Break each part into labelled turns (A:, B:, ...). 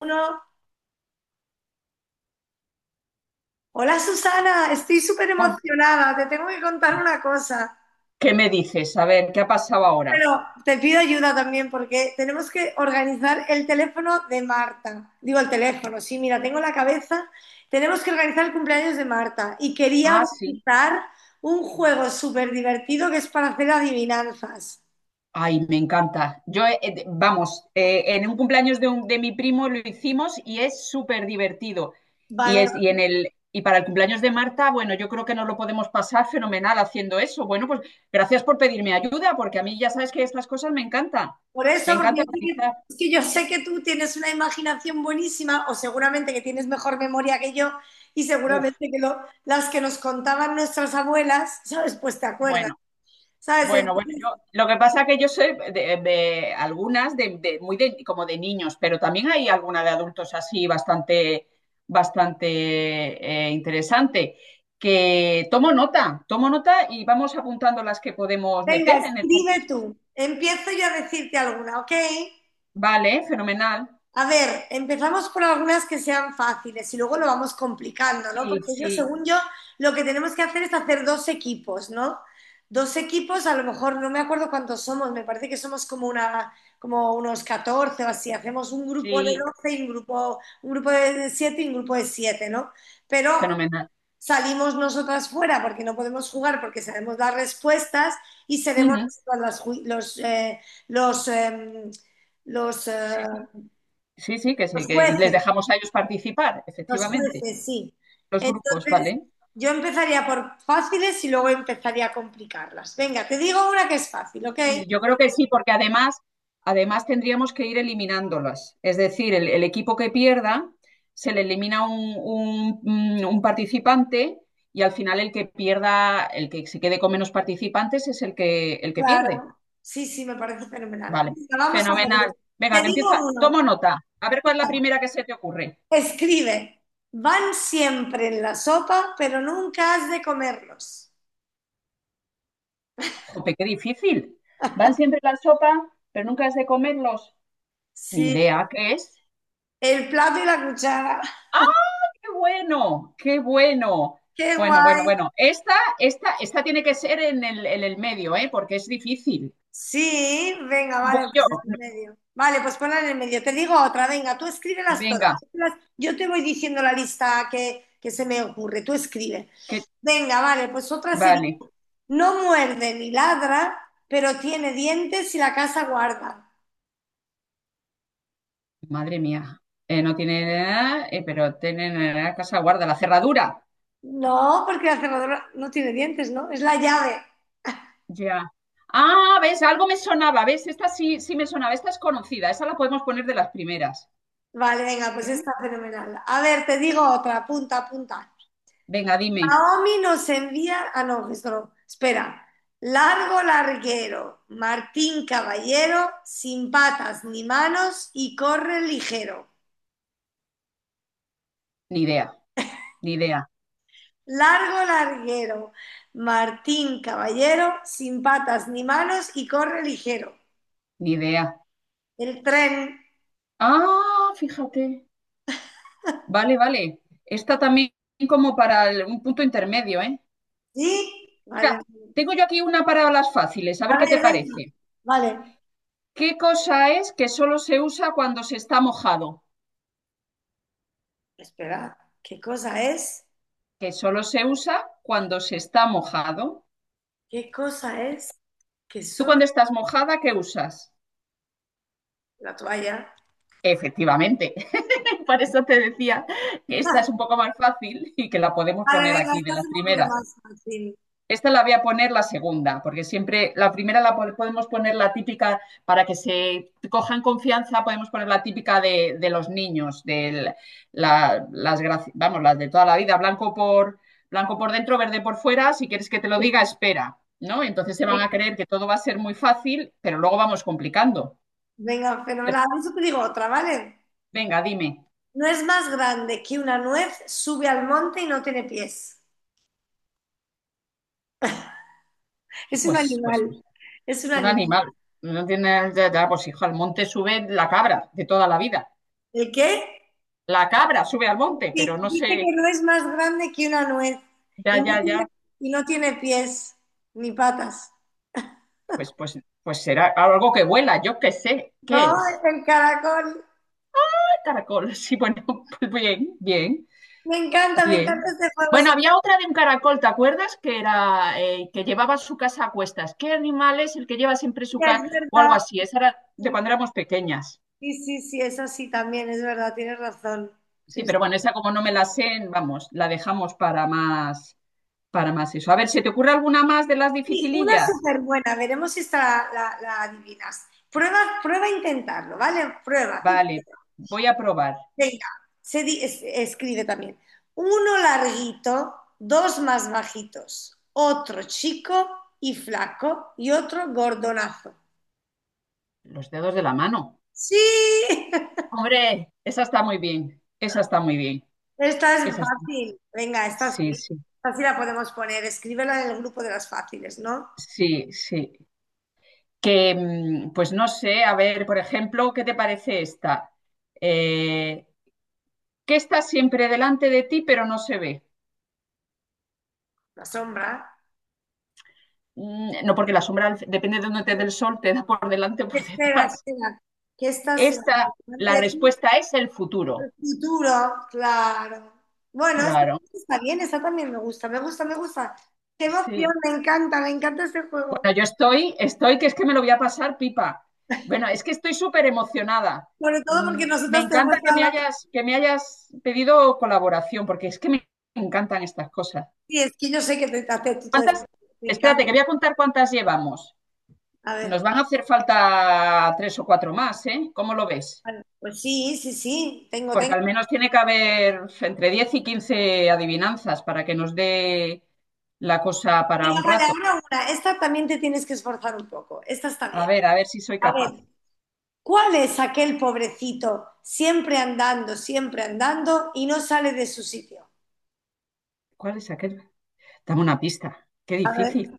A: Uno, hola Susana, estoy súper
B: Oh,
A: emocionada, te tengo que contar una cosa,
B: ¿qué me dices? A ver, ¿qué ha pasado ahora?
A: pero te pido ayuda también porque tenemos que organizar el teléfono de Marta. Digo el teléfono, sí, mira, tengo la cabeza. Tenemos que organizar el cumpleaños de Marta y quería
B: Ah, sí.
A: organizar un juego súper divertido que es para hacer adivinanzas.
B: Ay, me encanta. Yo, vamos, en un cumpleaños de, de mi primo lo hicimos y es súper divertido. Y
A: Vale.
B: es, y en el, y para el cumpleaños de Marta, bueno, yo creo que nos lo podemos pasar fenomenal haciendo eso. Bueno, pues gracias por pedirme ayuda, porque a mí ya sabes que estas cosas me encantan.
A: Por eso,
B: Me
A: porque
B: encanta
A: yo sé que,
B: organizar.
A: es que yo sé que tú tienes una imaginación buenísima o seguramente que tienes mejor memoria que yo y
B: Uf,
A: seguramente que las que nos contaban nuestras abuelas, ¿sabes? Pues te acuerdas,
B: bueno.
A: ¿sabes?
B: Bueno, bueno,
A: Entonces,
B: yo lo que pasa es que yo sé de algunas de, muy de, como de niños, pero también hay alguna de adultos así bastante bastante interesante, que tomo nota y vamos apuntando las que podemos
A: venga,
B: meter en el
A: escribe
B: concurso.
A: tú. Empiezo yo a decirte alguna, ¿ok?
B: Vale, fenomenal.
A: A ver, empezamos por algunas que sean fáciles y luego lo vamos complicando, ¿no?
B: Sí,
A: Porque yo,
B: sí,
A: según yo, lo que tenemos que hacer es hacer dos equipos, ¿no? Dos equipos, a lo mejor no me acuerdo cuántos somos, me parece que somos como una, como unos 14 o así. Hacemos un grupo de
B: sí,
A: 12 y un grupo de 7 y un grupo de 7, ¿no? Pero
B: fenomenal.
A: salimos nosotras fuera porque no podemos jugar, porque sabemos dar respuestas y seremos
B: Ujú.
A: nosotras las los, los,
B: Sí,
A: eh,
B: sí, sí,
A: los
B: sí, que y les
A: jueces.
B: dejamos a ellos participar,
A: Los
B: efectivamente.
A: jueces, sí.
B: Los grupos,
A: Entonces,
B: ¿vale?
A: yo empezaría por fáciles y luego empezaría a complicarlas. Venga, te digo una que es fácil, ¿ok?
B: Sí, yo creo que sí, porque además, además tendríamos que ir eliminándolas. Es decir, el equipo que pierda se le elimina un, un participante, y al final el que pierda, el que se quede con menos participantes es el que pierde.
A: Claro. Sí, sí, me parece fenomenal.
B: Vale,
A: Venga, vamos a por
B: fenomenal.
A: ello. Te
B: Venga, que empieza.
A: digo
B: Tomo
A: uno.
B: nota. A ver cuál es la primera que se te ocurre.
A: Escribe. Van siempre en la sopa, pero nunca has de comerlos.
B: Jope, qué difícil. Van siempre la sopa, pero nunca es de comerlos. Ni
A: Sí,
B: idea qué es.
A: el plato y la cuchara.
B: Qué bueno, qué bueno.
A: ¡Qué
B: Bueno,
A: guay!
B: bueno, bueno. Esta tiene que ser en el medio, ¿eh? Porque es difícil.
A: Sí, venga,
B: Voy
A: vale,
B: yo.
A: pues en el medio. Vale, pues ponla en el medio. Te digo otra, venga, tú escríbelas todas.
B: Venga,
A: Escríbelas. Yo te voy diciendo la lista que se me ocurre, tú escribe.
B: que
A: Venga, vale, pues otra sería,
B: vale.
A: no muerde ni ladra, pero tiene dientes y la casa guarda.
B: Madre mía. No tiene nada, pero tiene la casa guarda, la cerradura.
A: No, porque la cerradura no tiene dientes, ¿no? Es la llave.
B: Ya. Ah, ves, algo me sonaba, ves, esta sí, sí me sonaba, esta es conocida, esa la podemos poner de las primeras.
A: Vale, venga, pues
B: ¿Eh?
A: está fenomenal. A ver, te digo otra, punta, punta.
B: Venga, dime.
A: Naomi nos envía, ah no, esto no, espera, largo larguero, Martín Caballero, sin patas ni manos y corre ligero.
B: Ni idea, ni idea,
A: Largo larguero, Martín Caballero, sin patas ni manos y corre ligero.
B: ni idea.
A: El tren,
B: Ah, fíjate. Vale, vale. Esta también como para un punto intermedio, ¿eh?
A: ¿sí?
B: Mira,
A: Vale.
B: tengo yo aquí una para las fáciles, a
A: A
B: ver qué te
A: ver, venga.
B: parece.
A: Vale.
B: ¿Qué cosa es que solo se usa cuando se está mojado?
A: Espera, ¿qué cosa es?
B: Que solo se usa cuando se está mojado.
A: ¿Qué cosa es que
B: ¿Tú
A: solo
B: cuando estás mojada, qué usas?
A: la toalla?
B: Efectivamente. Por eso te decía que esta es un poco más fácil y que la podemos
A: Vale,
B: poner
A: venga,
B: aquí de
A: estás
B: las
A: un poquito
B: primeras.
A: más, Martín.
B: Esta la voy a poner la segunda, porque siempre la primera la podemos poner la típica para que se cojan confianza, podemos poner la típica de los niños, de las, vamos, las de toda la vida, blanco por, blanco por dentro, verde por fuera, si quieres que te lo diga, espera, ¿no? Entonces se van a
A: Sí.
B: creer que todo va a ser muy fácil, pero luego vamos complicando.
A: Venga,
B: Eh,
A: fenomenal. A te digo otra, ¿vale?
B: Venga, dime,
A: No es más grande que una nuez, sube al monte y no tiene pies. Es un
B: pues, pues,
A: animal.
B: pues,
A: Es un
B: un
A: animal.
B: animal, no tiene, ya, ya, pues hijo, al monte sube la cabra de toda la vida.
A: ¿El qué?
B: La cabra sube al monte, pero
A: Sí,
B: no
A: dice
B: sé.
A: que no es más grande que una nuez y
B: Ya,
A: no
B: ya, ya.
A: tiene, y no tiene pies ni patas.
B: Pues, pues, pues será algo que vuela, yo qué sé.
A: No,
B: ¿Qué es?
A: es el caracol.
B: Ah, caracol. Sí, bueno, pues bien, bien,
A: Me encanta
B: bien.
A: este juego.
B: Bueno, había otra de un caracol, ¿te acuerdas? Que era que llevaba su casa a cuestas. ¿Qué animal es el que lleva siempre su
A: Sofía, es
B: casa? O algo
A: verdad.
B: así. Esa era de
A: Sí,
B: cuando éramos pequeñas.
A: sí, sí, sí, es así también, es verdad, tienes razón.
B: Sí,
A: Sí,
B: pero
A: sí.
B: bueno, esa como no me la sé, vamos, la dejamos para más eso. A ver, ¿se te ocurre alguna más de las
A: Sí, una
B: dificilillas?
A: súper buena, veremos si esta la adivinas. Prueba, prueba a intentarlo, ¿vale? Prueba, tú
B: Vale,
A: prueba.
B: voy a probar.
A: Venga, escribe también. Uno larguito, dos más bajitos, otro chico y flaco y otro gordonazo.
B: Los dedos de la mano.
A: Sí,
B: Hombre, esa está muy bien, esa está muy bien,
A: esta es
B: esa está.
A: fácil. Venga, esta
B: Sí,
A: sí.
B: sí,
A: Esta sí la podemos poner. Escríbela en el grupo de las fáciles, ¿no?
B: sí, sí. Que, mm, pues no sé, a ver, por ejemplo, ¿qué te parece esta? Eh, que está siempre delante de ti, pero no se ve.
A: La sombra.
B: Mm, no, porque la sombra, depende de dónde te dé el sol, te da por delante o por
A: Espera,
B: detrás.
A: espera. Que esta sí.
B: Esta, la respuesta es el
A: El
B: futuro.
A: futuro, claro. Bueno, eso
B: Claro,
A: está bien, esa también me gusta, me gusta, me gusta. Qué emoción,
B: sí.
A: me encanta ese juego.
B: Bueno, yo estoy, estoy, que es que me lo voy a pasar pipa. Bueno, es que estoy súper emocionada.
A: Sobre todo
B: Mm,
A: porque
B: me
A: nosotros tenemos
B: encanta
A: a la...
B: que me hayas pedido colaboración, porque es que me encantan estas cosas.
A: Sí, es que yo sé que te hace tú todo esto.
B: ¿Cuántas?
A: Me
B: Espérate,
A: encanta.
B: que voy a contar cuántas llevamos.
A: A
B: Nos
A: ver,
B: van a hacer falta tres o cuatro más, ¿eh? ¿Cómo lo ves?
A: vale. Pues sí, sí, sí, tengo,
B: Porque
A: tengo.
B: al menos tiene que haber entre 10 y 15 adivinanzas para que nos dé la cosa para
A: Venga,
B: un
A: vale,
B: rato.
A: ahora una. Esta también te tienes que esforzar un poco. Esta está bien.
B: A ver si soy
A: A ver,
B: capaz.
A: ¿cuál es aquel pobrecito siempre andando y no sale de su sitio?
B: ¿Cuál es aquel? Dame una pista. Qué
A: A ver.
B: difícil.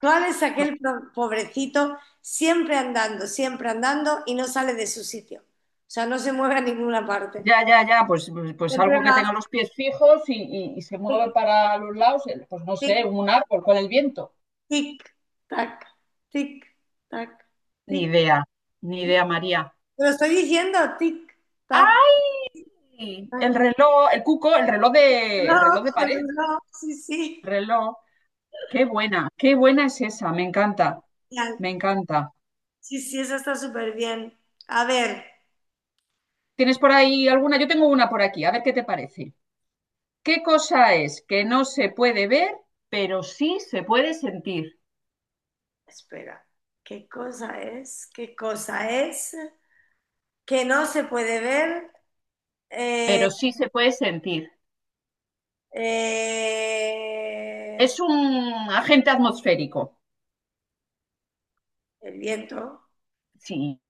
A: ¿Cuál es aquel pobrecito siempre andando y no sale de su sitio? O sea, no se mueve a ninguna parte.
B: Ya, ya, ya, pues, pues
A: Siempre
B: algo que tenga
A: va
B: los pies fijos y, y se mueve
A: tic,
B: para los lados, pues no sé,
A: tic,
B: un árbol con el viento.
A: tic, tac, tic, tac,
B: Ni
A: tic,
B: idea, ni
A: tic.
B: idea, María.
A: Te lo estoy diciendo, tic, tac,
B: ¡Ay! El
A: tac.
B: reloj, el cuco,
A: No,
B: el reloj de pared,
A: no, sí, sí.
B: reloj. Qué buena es esa, me encanta,
A: Genial.
B: me encanta.
A: Sí, sí, eso está súper bien. A ver,
B: ¿Tienes por ahí alguna? Yo tengo una por aquí, a ver qué te parece. ¿Qué cosa es que no se puede ver, pero sí se puede sentir?
A: espera. ¿Qué cosa es? ¿Qué cosa es? Que no se puede ver. Eh,
B: Pero sí se puede sentir.
A: Eh,
B: Es un agente atmosférico.
A: el viento.
B: Sí,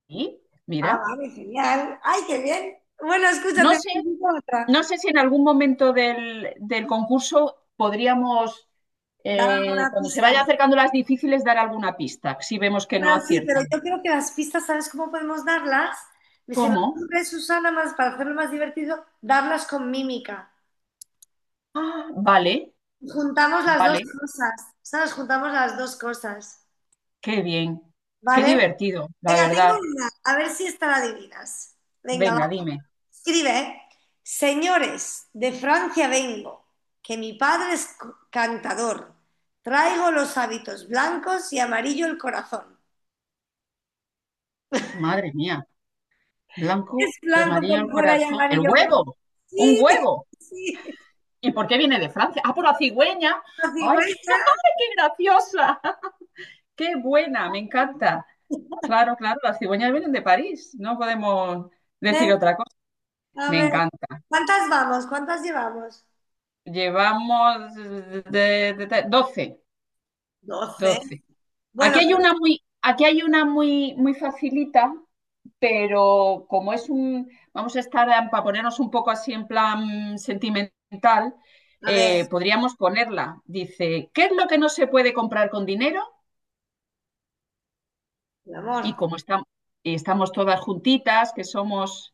A: Ah,
B: mira.
A: vale, genial. Ay, qué bien. Bueno,
B: No
A: escúchate,
B: sé,
A: necesito otra.
B: no sé si en algún momento del, del concurso podríamos,
A: Dame una
B: cuando se
A: pista.
B: vaya acercando las difíciles, dar alguna pista, si vemos que no
A: Bueno, sí, pero
B: aciertan.
A: yo creo que las pistas, ¿sabes cómo podemos darlas? Me se me
B: ¿Cómo?
A: ocurre, Susana, más para hacerlo más divertido, darlas con mímica.
B: Ah, vale,
A: Juntamos las dos
B: vale,
A: cosas. ¿Sabes? Juntamos las dos cosas.
B: qué bien, qué
A: ¿Vale?
B: divertido, la
A: Venga, tengo
B: verdad.
A: una. A ver si esta la adivinas. Venga,
B: Venga, dime.
A: escribe, señores, de Francia vengo, que mi padre es cantador. Traigo los hábitos blancos y amarillo el corazón.
B: Madre mía, blanco
A: Es
B: y
A: blanco
B: amarillo el
A: por fuera y
B: corazón. ¡El
A: amarillo por dentro.
B: huevo! ¡Un
A: Sí,
B: huevo!
A: sí.
B: ¿Y por qué viene de Francia? Ah, por la cigüeña.
A: La
B: ¡Ay, qué,
A: cigüeña,
B: ay, qué graciosa! ¡Qué buena! Me encanta. Claro, claro, las cigüeñas vienen de París. No podemos decir
A: ¿eh?
B: otra cosa.
A: A
B: Me
A: ver,
B: encanta.
A: ¿cuántas vamos? ¿Cuántas llevamos?
B: Llevamos de, 12.
A: Doce.
B: 12.
A: Bueno,
B: Aquí hay una muy, aquí hay una muy, muy facilita, pero como es un, vamos a estar para ponernos un poco así en plan sentimental,
A: a ver,
B: podríamos ponerla. Dice, ¿qué es lo que no se puede comprar con dinero?
A: mi amor,
B: Y como estamos, estamos todas juntitas, que somos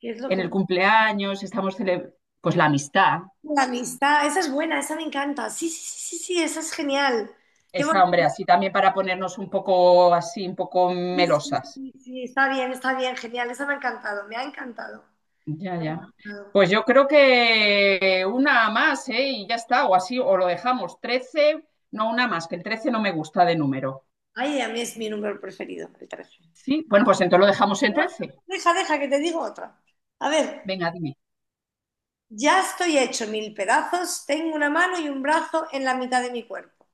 A: ¿qué es lo
B: en
A: que...
B: el cumpleaños, pues la amistad.
A: La amistad, esa es buena, esa me encanta. Sí, sí, sí, sí, sí, esa es genial. Qué
B: Esa,
A: bonito.
B: hombre, así también para ponernos un poco así, un poco
A: Sí, sí,
B: melosas.
A: sí, sí, está bien, genial. Eso me ha encantado, me ha encantado,
B: Ya,
A: me ha
B: ya.
A: encantado.
B: Pues yo creo que una más, ¿eh? Y ya está, o así, o lo dejamos 13, no, una más, que el 13 no me gusta de número.
A: Ay, a mí es mi número preferido, el 13.
B: Sí, bueno, pues entonces lo dejamos en
A: No, no, no,
B: trece.
A: deja, deja, que te digo otra. A ver,
B: Venga, dime.
A: ya estoy hecho mil pedazos, tengo una mano y un brazo en la mitad de mi cuerpo.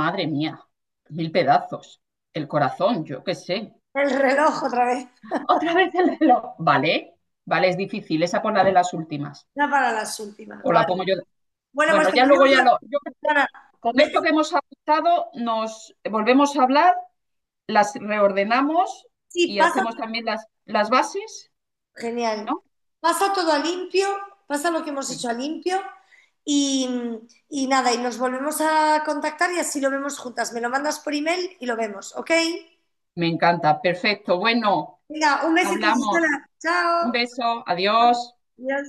B: Madre mía, mil pedazos. El corazón, yo qué sé.
A: El reloj otra vez,
B: Otra vez el reloj. Vale, vale, es difícil. Esa por la de las últimas.
A: ya para las últimas,
B: O la pongo yo.
A: vale. Bueno, pues
B: Bueno, ya
A: tenemos
B: luego ya lo.
A: la...
B: Con
A: Vete,
B: esto que hemos apuntado, nos volvemos a hablar, las reordenamos
A: sí,
B: y
A: pasa...
B: hacemos también las bases.
A: Genial.
B: ¿No?
A: Pasa todo a limpio, pasa lo que hemos
B: Sí,
A: hecho a limpio y, y nada, y nos volvemos a contactar y así lo vemos juntas. Me lo mandas por email y lo vemos, ¿ok?
B: me encanta. Perfecto. Bueno,
A: Venga, un besito,
B: hablamos.
A: Susana.
B: Un
A: Chao.
B: beso. Adiós.
A: Adiós.